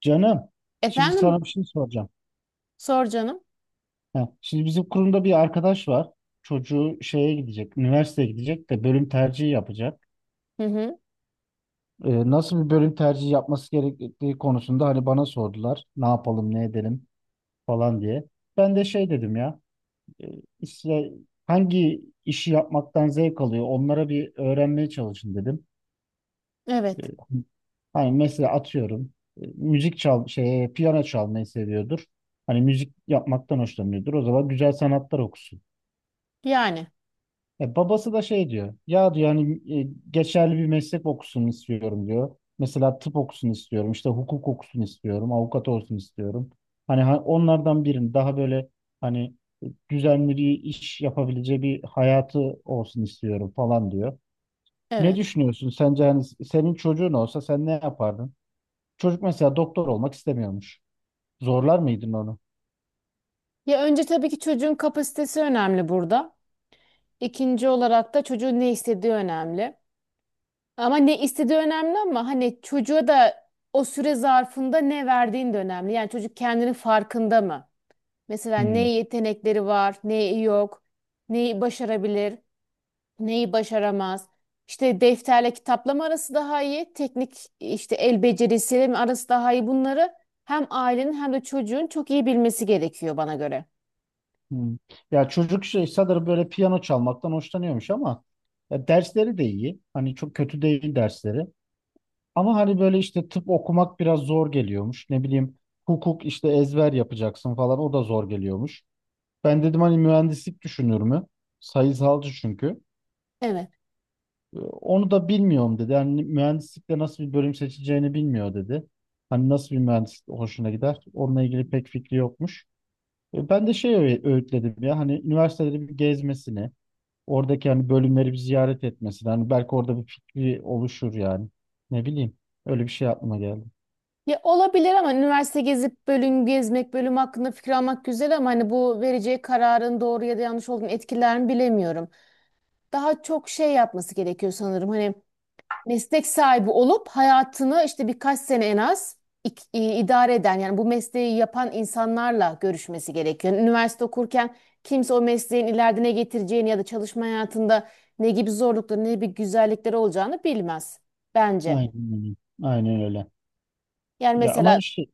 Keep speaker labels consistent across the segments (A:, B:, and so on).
A: Canım, şimdi
B: Efendim,
A: sana bir şey soracağım.
B: sor canım.
A: Ha, şimdi bizim kurumda bir arkadaş var. Çocuğu şeye gidecek, üniversiteye gidecek de bölüm tercihi yapacak.
B: Hı hı.
A: Nasıl bir bölüm tercihi yapması gerektiği konusunda hani bana sordular. Ne yapalım, ne edelim falan diye. Ben de şey dedim ya, e, işte hangi işi yapmaktan zevk alıyor onlara bir öğrenmeye çalışın dedim. E,
B: Evet.
A: Hani mesela atıyorum e, müzik çal şey piyano çalmayı seviyordur. Hani müzik yapmaktan hoşlanıyordur. O zaman güzel sanatlar okusun.
B: Yani
A: Babası da şey diyor. Ya diyor hani geçerli bir meslek okusun istiyorum diyor. Mesela tıp okusun istiyorum. İşte hukuk okusun istiyorum. Avukat olsun istiyorum. Hani onlardan birini daha böyle hani e, düzenli bir iş yapabileceği bir hayatı olsun istiyorum falan diyor. Ne
B: evet.
A: düşünüyorsun? Sence hani senin çocuğun olsa sen ne yapardın? Çocuk mesela doktor olmak istemiyormuş. Zorlar mıydın onu?
B: Ya önce tabii ki çocuğun kapasitesi önemli burada. İkinci olarak da çocuğun ne istediği önemli. Ama ne istediği önemli, ama hani çocuğa da o süre zarfında ne verdiğin de önemli. Yani çocuk kendinin farkında mı? Mesela ne
A: Hmm.
B: yetenekleri var, ne yok, neyi başarabilir, neyi başaramaz. İşte defterle kitapla arası daha iyi, teknik işte el becerisiyle mi arası daha iyi, bunları hem ailenin hem de çocuğun çok iyi bilmesi gerekiyor bana göre.
A: Hmm. Ya çocuk şey sanırım böyle piyano çalmaktan hoşlanıyormuş ama ya dersleri de iyi. Hani çok kötü değil dersleri. Ama hani böyle işte tıp okumak biraz zor geliyormuş. Ne bileyim, hukuk işte ezber yapacaksın falan, o da zor geliyormuş. Ben dedim hani mühendislik düşünür mü? Sayısalcı çünkü.
B: Evet.
A: Onu da bilmiyorum dedi. Yani mühendislikte nasıl bir bölüm seçeceğini bilmiyor dedi. Hani nasıl bir mühendislik hoşuna gider? Onunla ilgili pek fikri yokmuş. Ben de öğütledim ya hani üniversiteleri bir gezmesini, oradaki hani bölümleri bir ziyaret etmesini. Hani belki orada bir fikri oluşur yani. Ne bileyim. Öyle bir şey aklıma geldi.
B: Ya olabilir, ama üniversite gezip bölüm gezmek, bölüm hakkında fikir almak güzel, ama hani bu vereceği kararın doğru ya da yanlış olduğunu, etkilerini bilemiyorum. Daha çok şey yapması gerekiyor sanırım. Hani meslek sahibi olup hayatını işte birkaç sene en az idare eden, yani bu mesleği yapan insanlarla görüşmesi gerekiyor. Yani üniversite okurken kimse o mesleğin ileride ne getireceğini ya da çalışma hayatında ne gibi zorlukları, ne gibi güzellikleri olacağını bilmez bence.
A: Aynen öyle. Aynen öyle.
B: Yani
A: Ya ama
B: mesela.
A: işte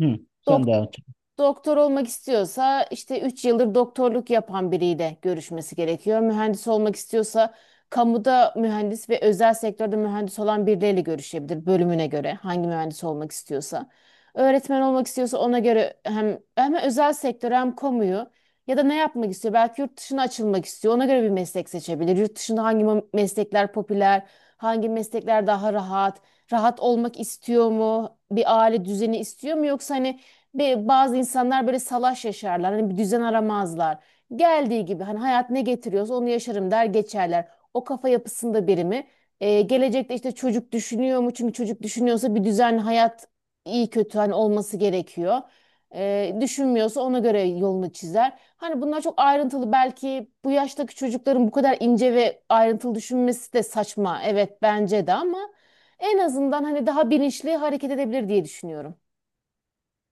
A: hı, sen devam et.
B: Doktor olmak istiyorsa, işte 3 yıldır doktorluk yapan biriyle görüşmesi gerekiyor. Mühendis olmak istiyorsa, kamuda mühendis ve özel sektörde mühendis olan birileriyle görüşebilir, bölümüne göre hangi mühendis olmak istiyorsa. Öğretmen olmak istiyorsa ona göre hem özel sektör hem kamuyu, ya da ne yapmak istiyor? Belki yurt dışına açılmak istiyor. Ona göre bir meslek seçebilir. Yurt dışında hangi meslekler popüler, hangi meslekler daha rahat, rahat olmak istiyor mu? Bir aile düzeni istiyor mu, yoksa hani, ve bazı insanlar böyle salaş yaşarlar. Hani bir düzen aramazlar. Geldiği gibi, hani hayat ne getiriyorsa onu yaşarım der geçerler. O kafa yapısında biri mi? Gelecekte işte çocuk düşünüyor mu? Çünkü çocuk düşünüyorsa bir düzenli hayat, iyi kötü, hani olması gerekiyor. Düşünmüyorsa ona göre yolunu çizer. Hani bunlar çok ayrıntılı, belki bu yaştaki çocukların bu kadar ince ve ayrıntılı düşünmesi de saçma. Evet, bence de, ama en azından hani daha bilinçli hareket edebilir diye düşünüyorum.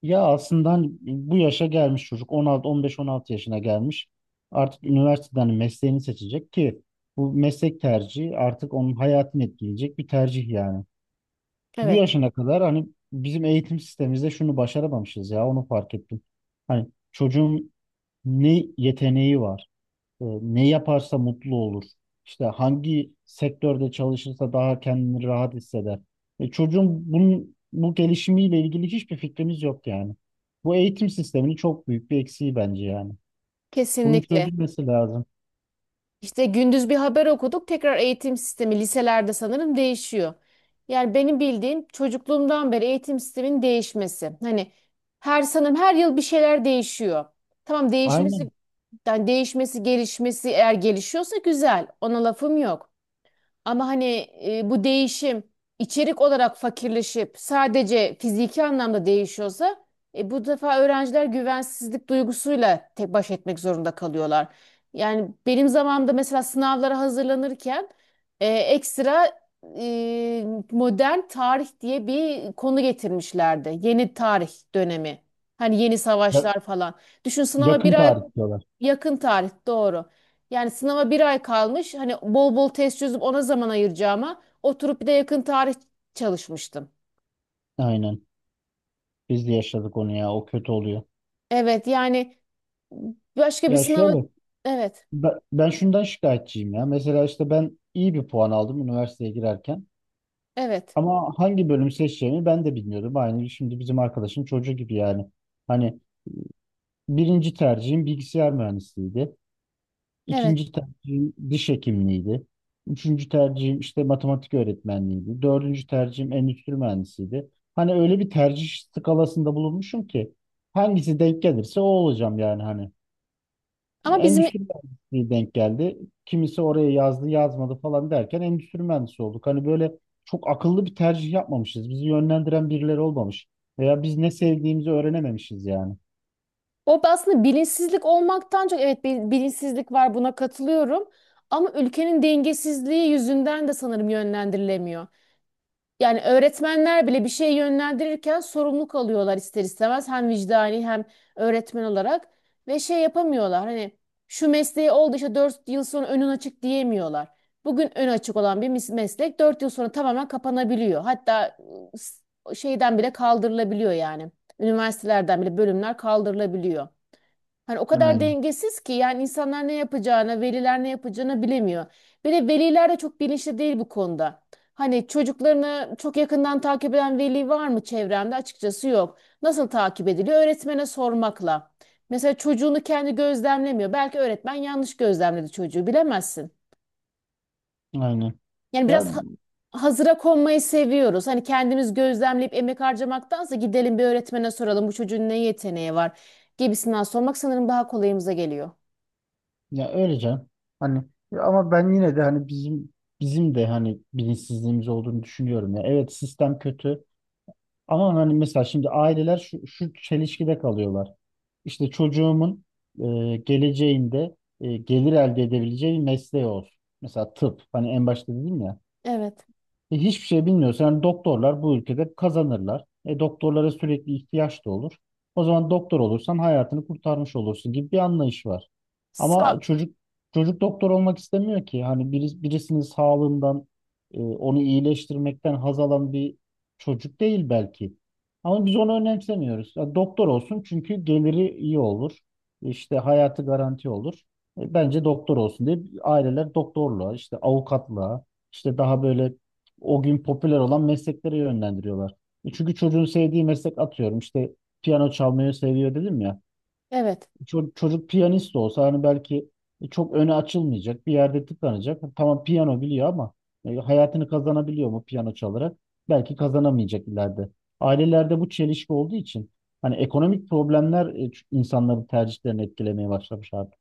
A: Ya aslında hani bu yaşa gelmiş çocuk 16 15-16 yaşına gelmiş. Artık üniversiteden mesleğini seçecek ki bu meslek tercihi artık onun hayatını etkileyecek bir tercih yani. Bu
B: Evet.
A: yaşına kadar hani bizim eğitim sistemimizde şunu başaramamışız ya, onu fark ettim. Hani çocuğun ne yeteneği var, ne yaparsa mutlu olur, işte hangi sektörde çalışırsa daha kendini rahat hisseder. Çocuğun bunun, bu gelişimiyle ilgili hiçbir fikrimiz yok yani. Bu eğitim sisteminin çok büyük bir eksiği bence yani. Bunun
B: Kesinlikle.
A: çözülmesi lazım.
B: İşte gündüz bir haber okuduk. Tekrar eğitim sistemi liselerde sanırım değişiyor. Yani benim bildiğim, çocukluğumdan beri eğitim sisteminin değişmesi. Hani her sanırım her yıl bir şeyler değişiyor. Tamam, değişmesi,
A: Aynen.
B: yani değişmesi, gelişmesi, eğer gelişiyorsa güzel. Ona lafım yok. Ama hani bu değişim içerik olarak fakirleşip sadece fiziki anlamda değişiyorsa, bu defa öğrenciler güvensizlik duygusuyla tek baş etmek zorunda kalıyorlar. Yani benim zamanımda mesela sınavlara hazırlanırken ekstra, e, modern tarih diye bir konu getirmişlerdi. Yeni tarih dönemi. Hani yeni
A: Ya-
B: savaşlar falan. Düşün, sınava bir
A: Yakın
B: ay.
A: tarih diyorlar.
B: Yakın tarih, doğru. Yani sınava bir ay kalmış. Hani bol bol test çözüp ona zaman ayıracağıma, oturup bir de yakın tarih çalışmıştım.
A: Aynen. Biz de yaşadık onu ya. O kötü oluyor.
B: Evet, yani başka bir
A: Ya
B: sınava.
A: şöyle.
B: Evet,
A: Ben şundan şikayetçiyim ya. Mesela işte ben iyi bir puan aldım üniversiteye girerken.
B: evet,
A: Ama hangi bölüm seçeceğimi ben de bilmiyordum. Aynı şimdi bizim arkadaşın çocuğu gibi yani. Hani birinci tercihim bilgisayar mühendisliğiydi.
B: evet,
A: İkinci tercihim diş hekimliğiydi. Üçüncü tercihim işte matematik öğretmenliğiydi. Dördüncü tercihim endüstri mühendisliğiydi. Hani öyle bir tercih skalasında bulunmuşum ki hangisi denk gelirse o olacağım yani hani.
B: ama bizim.
A: Endüstri mühendisliği denk geldi. Kimisi oraya yazdı, yazmadı falan derken endüstri mühendisi olduk. Hani böyle çok akıllı bir tercih yapmamışız. Bizi yönlendiren birileri olmamış. Veya biz ne sevdiğimizi öğrenememişiz yani.
B: O aslında bilinçsizlik olmaktan çok, evet, bilinçsizlik var, buna katılıyorum, ama ülkenin dengesizliği yüzünden de sanırım yönlendirilemiyor. Yani öğretmenler bile bir şey yönlendirirken sorumluluk alıyorlar ister istemez. Hem vicdani, hem öğretmen olarak. Ve şey yapamıyorlar, hani şu mesleği oldu işte, 4 yıl sonra önün açık diyemiyorlar. Bugün ön açık olan bir meslek 4 yıl sonra tamamen kapanabiliyor. Hatta şeyden bile kaldırılabiliyor yani. Üniversitelerden bile bölümler kaldırılabiliyor. Hani o kadar
A: Aynen.
B: dengesiz ki, yani insanlar ne yapacağını, veliler ne yapacağını bilemiyor. Bir de veliler de çok bilinçli değil bu konuda. Hani çocuklarını çok yakından takip eden veli var mı çevremde? Açıkçası yok. Nasıl takip ediliyor? Öğretmene sormakla. Mesela çocuğunu kendi gözlemlemiyor. Belki öğretmen yanlış gözlemledi çocuğu, bilemezsin.
A: Aynen.
B: Yani
A: Ya
B: biraz hazıra konmayı seviyoruz. Hani kendimiz gözlemleyip emek harcamaktansa, gidelim bir öğretmene soralım bu çocuğun ne yeteneği var gibisinden sormak sanırım daha kolayımıza geliyor.
A: ya öyle canım. Hani ya ama ben yine de hani bizim de hani bilinçsizliğimiz olduğunu düşünüyorum ya. Evet, sistem kötü. Ama hani mesela şimdi aileler şu, şu çelişkide kalıyorlar. İşte çocuğumun geleceğinde gelir elde edebileceği bir mesleği olsun. Mesela tıp. Hani en başta dedim ya.
B: Evet.
A: Hiçbir şey bilmiyorsun. Yani doktorlar bu ülkede kazanırlar. Doktorlara sürekli ihtiyaç da olur. O zaman doktor olursan hayatını kurtarmış olursun gibi bir anlayış var.
B: Sa-
A: Ama çocuk doktor olmak istemiyor ki. Hani birisinin sağlığından onu iyileştirmekten haz alan bir çocuk değil belki. Ama biz onu önemsemiyoruz. Ya doktor olsun çünkü geliri iyi olur. İşte hayatı garanti olur. Bence doktor olsun diye aileler doktorluğa, işte avukatlığa, işte daha böyle o gün popüler olan mesleklere yönlendiriyorlar. Çünkü çocuğun sevdiği meslek, atıyorum işte piyano çalmayı seviyor dedim ya.
B: evet.
A: Çocuk piyanist olsa hani belki çok öne açılmayacak bir yerde tıkanacak. Tamam piyano biliyor ama hayatını kazanabiliyor mu piyano çalarak? Belki kazanamayacak ileride. Ailelerde bu çelişki olduğu için hani ekonomik problemler insanların tercihlerini etkilemeye başlamış artık.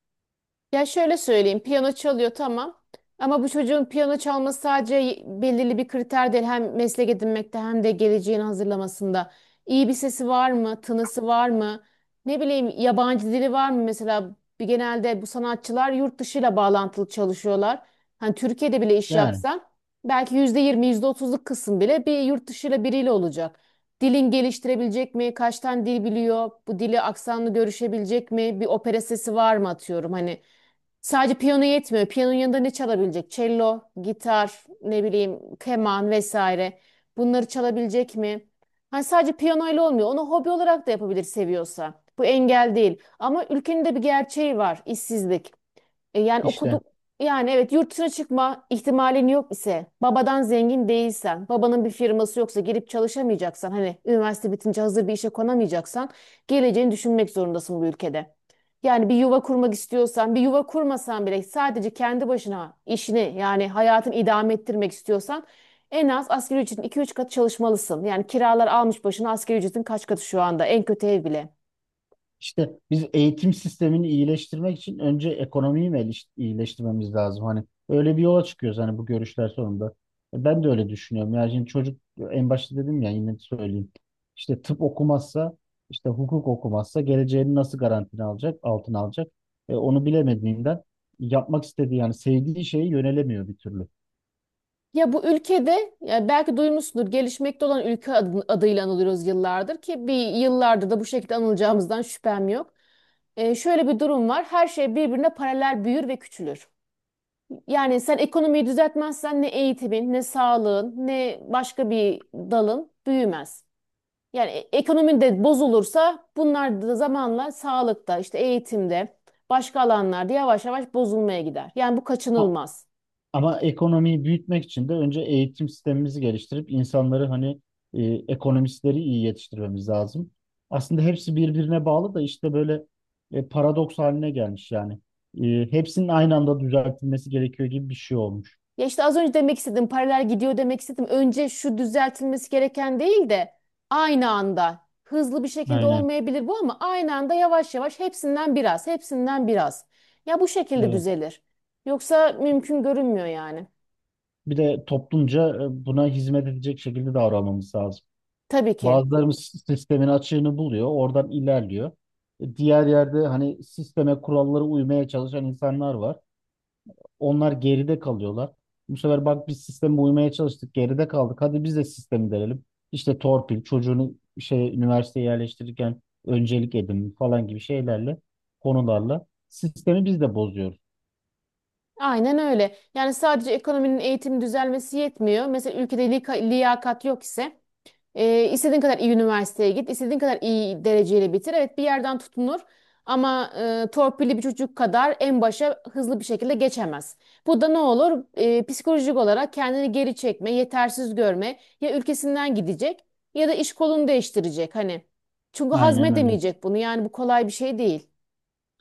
B: Ya şöyle söyleyeyim, piyano çalıyor, tamam. Ama bu çocuğun piyano çalması sadece belirli bir kriter değil. Hem meslek edinmekte, hem de geleceğini hazırlamasında. İyi bir sesi var mı? Tınısı var mı? Ne bileyim, yabancı dili var mı? Mesela bir, genelde bu sanatçılar yurt dışıyla bağlantılı çalışıyorlar. Hani Türkiye'de bile iş
A: Yani
B: yapsan, belki %20, yüzde otuzluk kısım bile bir yurt dışıyla, biriyle olacak. Dilin geliştirebilecek mi? Kaç tane dil biliyor? Bu dili aksanlı görüşebilecek mi? Bir opera sesi var mı, atıyorum hani. Sadece piyano yetmiyor. Piyanonun yanında ne çalabilecek? Cello, gitar, ne bileyim, keman vesaire. Bunları çalabilecek mi? Hani sadece piyanoyla olmuyor. Onu hobi olarak da yapabilir, seviyorsa. Bu engel değil. Ama ülkenin de bir gerçeği var. İşsizlik. Yani
A: işte.
B: okuduk, yani evet, yurt dışına çıkma ihtimalin yok ise, babadan zengin değilsen, babanın bir firması yoksa, gelip çalışamayacaksan, hani üniversite bitince hazır bir işe konamayacaksan, geleceğini düşünmek zorundasın bu ülkede. Yani bir yuva kurmak istiyorsan, bir yuva kurmasan bile, sadece kendi başına işini, yani hayatını idame ettirmek istiyorsan, en az asgari ücretin 2-3 katı çalışmalısın. Yani kiralar almış başına, asgari ücretin kaç katı şu anda en kötü ev bile.
A: İşte biz eğitim sistemini iyileştirmek için önce ekonomiyi mi iyileştirmemiz lazım? Hani öyle bir yola çıkıyoruz hani bu görüşler sonunda. Ben de öyle düşünüyorum. Yani şimdi çocuk, en başta dedim ya, yine söyleyeyim. İşte tıp okumazsa, işte hukuk okumazsa geleceğini nasıl garantine alacak, altına alacak? Onu bilemediğinden yapmak istediği yani sevdiği şeye yönelemiyor bir türlü.
B: Ya bu ülkede, ya, belki duymuşsundur, gelişmekte olan ülke adıyla anılıyoruz yıllardır, ki bir yıllardır da bu şekilde anılacağımızdan şüphem yok. Şöyle bir durum var. Her şey birbirine paralel büyür ve küçülür. Yani sen ekonomiyi düzeltmezsen, ne eğitimin, ne sağlığın, ne başka bir dalın büyümez. Yani ekonomi de bozulursa bunlar da zamanla, sağlıkta, işte eğitimde, başka alanlarda yavaş yavaş bozulmaya gider. Yani bu
A: Ha,
B: kaçınılmaz.
A: ama ekonomiyi büyütmek için de önce eğitim sistemimizi geliştirip insanları hani e, ekonomistleri iyi yetiştirmemiz lazım. Aslında hepsi birbirine bağlı da işte böyle paradoks haline gelmiş yani. Hepsinin aynı anda düzeltilmesi gerekiyor gibi bir şey olmuş.
B: Ya işte az önce demek istedim, paralel gidiyor demek istedim. Önce şu düzeltilmesi gereken değil de, aynı anda hızlı bir şekilde
A: Aynen.
B: olmayabilir bu, ama aynı anda yavaş yavaş hepsinden biraz, hepsinden biraz. Ya bu şekilde
A: Evet.
B: düzelir. Yoksa mümkün görünmüyor yani.
A: Bir de toplumca buna hizmet edecek şekilde davranmamız lazım.
B: Tabii ki.
A: Bazılarımız sistemin açığını buluyor, oradan ilerliyor. Diğer yerde hani sisteme, kurallara uymaya çalışan insanlar var. Onlar geride kalıyorlar. Bu sefer bak biz sisteme uymaya çalıştık, geride kaldık. Hadi biz de sistemi denelim. İşte torpil, çocuğunu şey üniversiteye yerleştirirken öncelik edin falan gibi şeylerle, konularla sistemi biz de bozuyoruz.
B: Aynen öyle. Yani sadece ekonominin, eğitim düzelmesi yetmiyor. Mesela ülkede liyakat yok ise, istediğin kadar iyi üniversiteye git, istediğin kadar iyi dereceyle bitir. Evet, bir yerden tutunur, ama torpilli bir çocuk kadar en başa hızlı bir şekilde geçemez. Bu da ne olur? Psikolojik olarak kendini geri çekme, yetersiz görme, ya ülkesinden gidecek, ya da iş kolunu değiştirecek. Hani, çünkü
A: Aynen öyle.
B: hazmedemeyecek bunu. Yani bu kolay bir şey değil.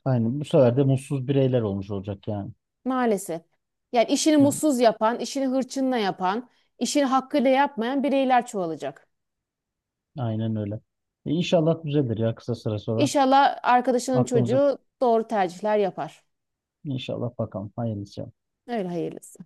A: Aynen. Bu sefer de mutsuz bireyler olmuş olacak yani.
B: Maalesef. Yani işini
A: Yani
B: mutsuz yapan, işini hırçınla yapan, işini hakkıyla yapmayan bireyler çoğalacak.
A: aynen öyle. İnşallah düzelir ya kısa süre sonra.
B: İnşallah arkadaşının
A: Aklımıza
B: çocuğu doğru tercihler yapar.
A: inşallah bakalım. Hayırlısı.
B: Öyle, hayırlısı.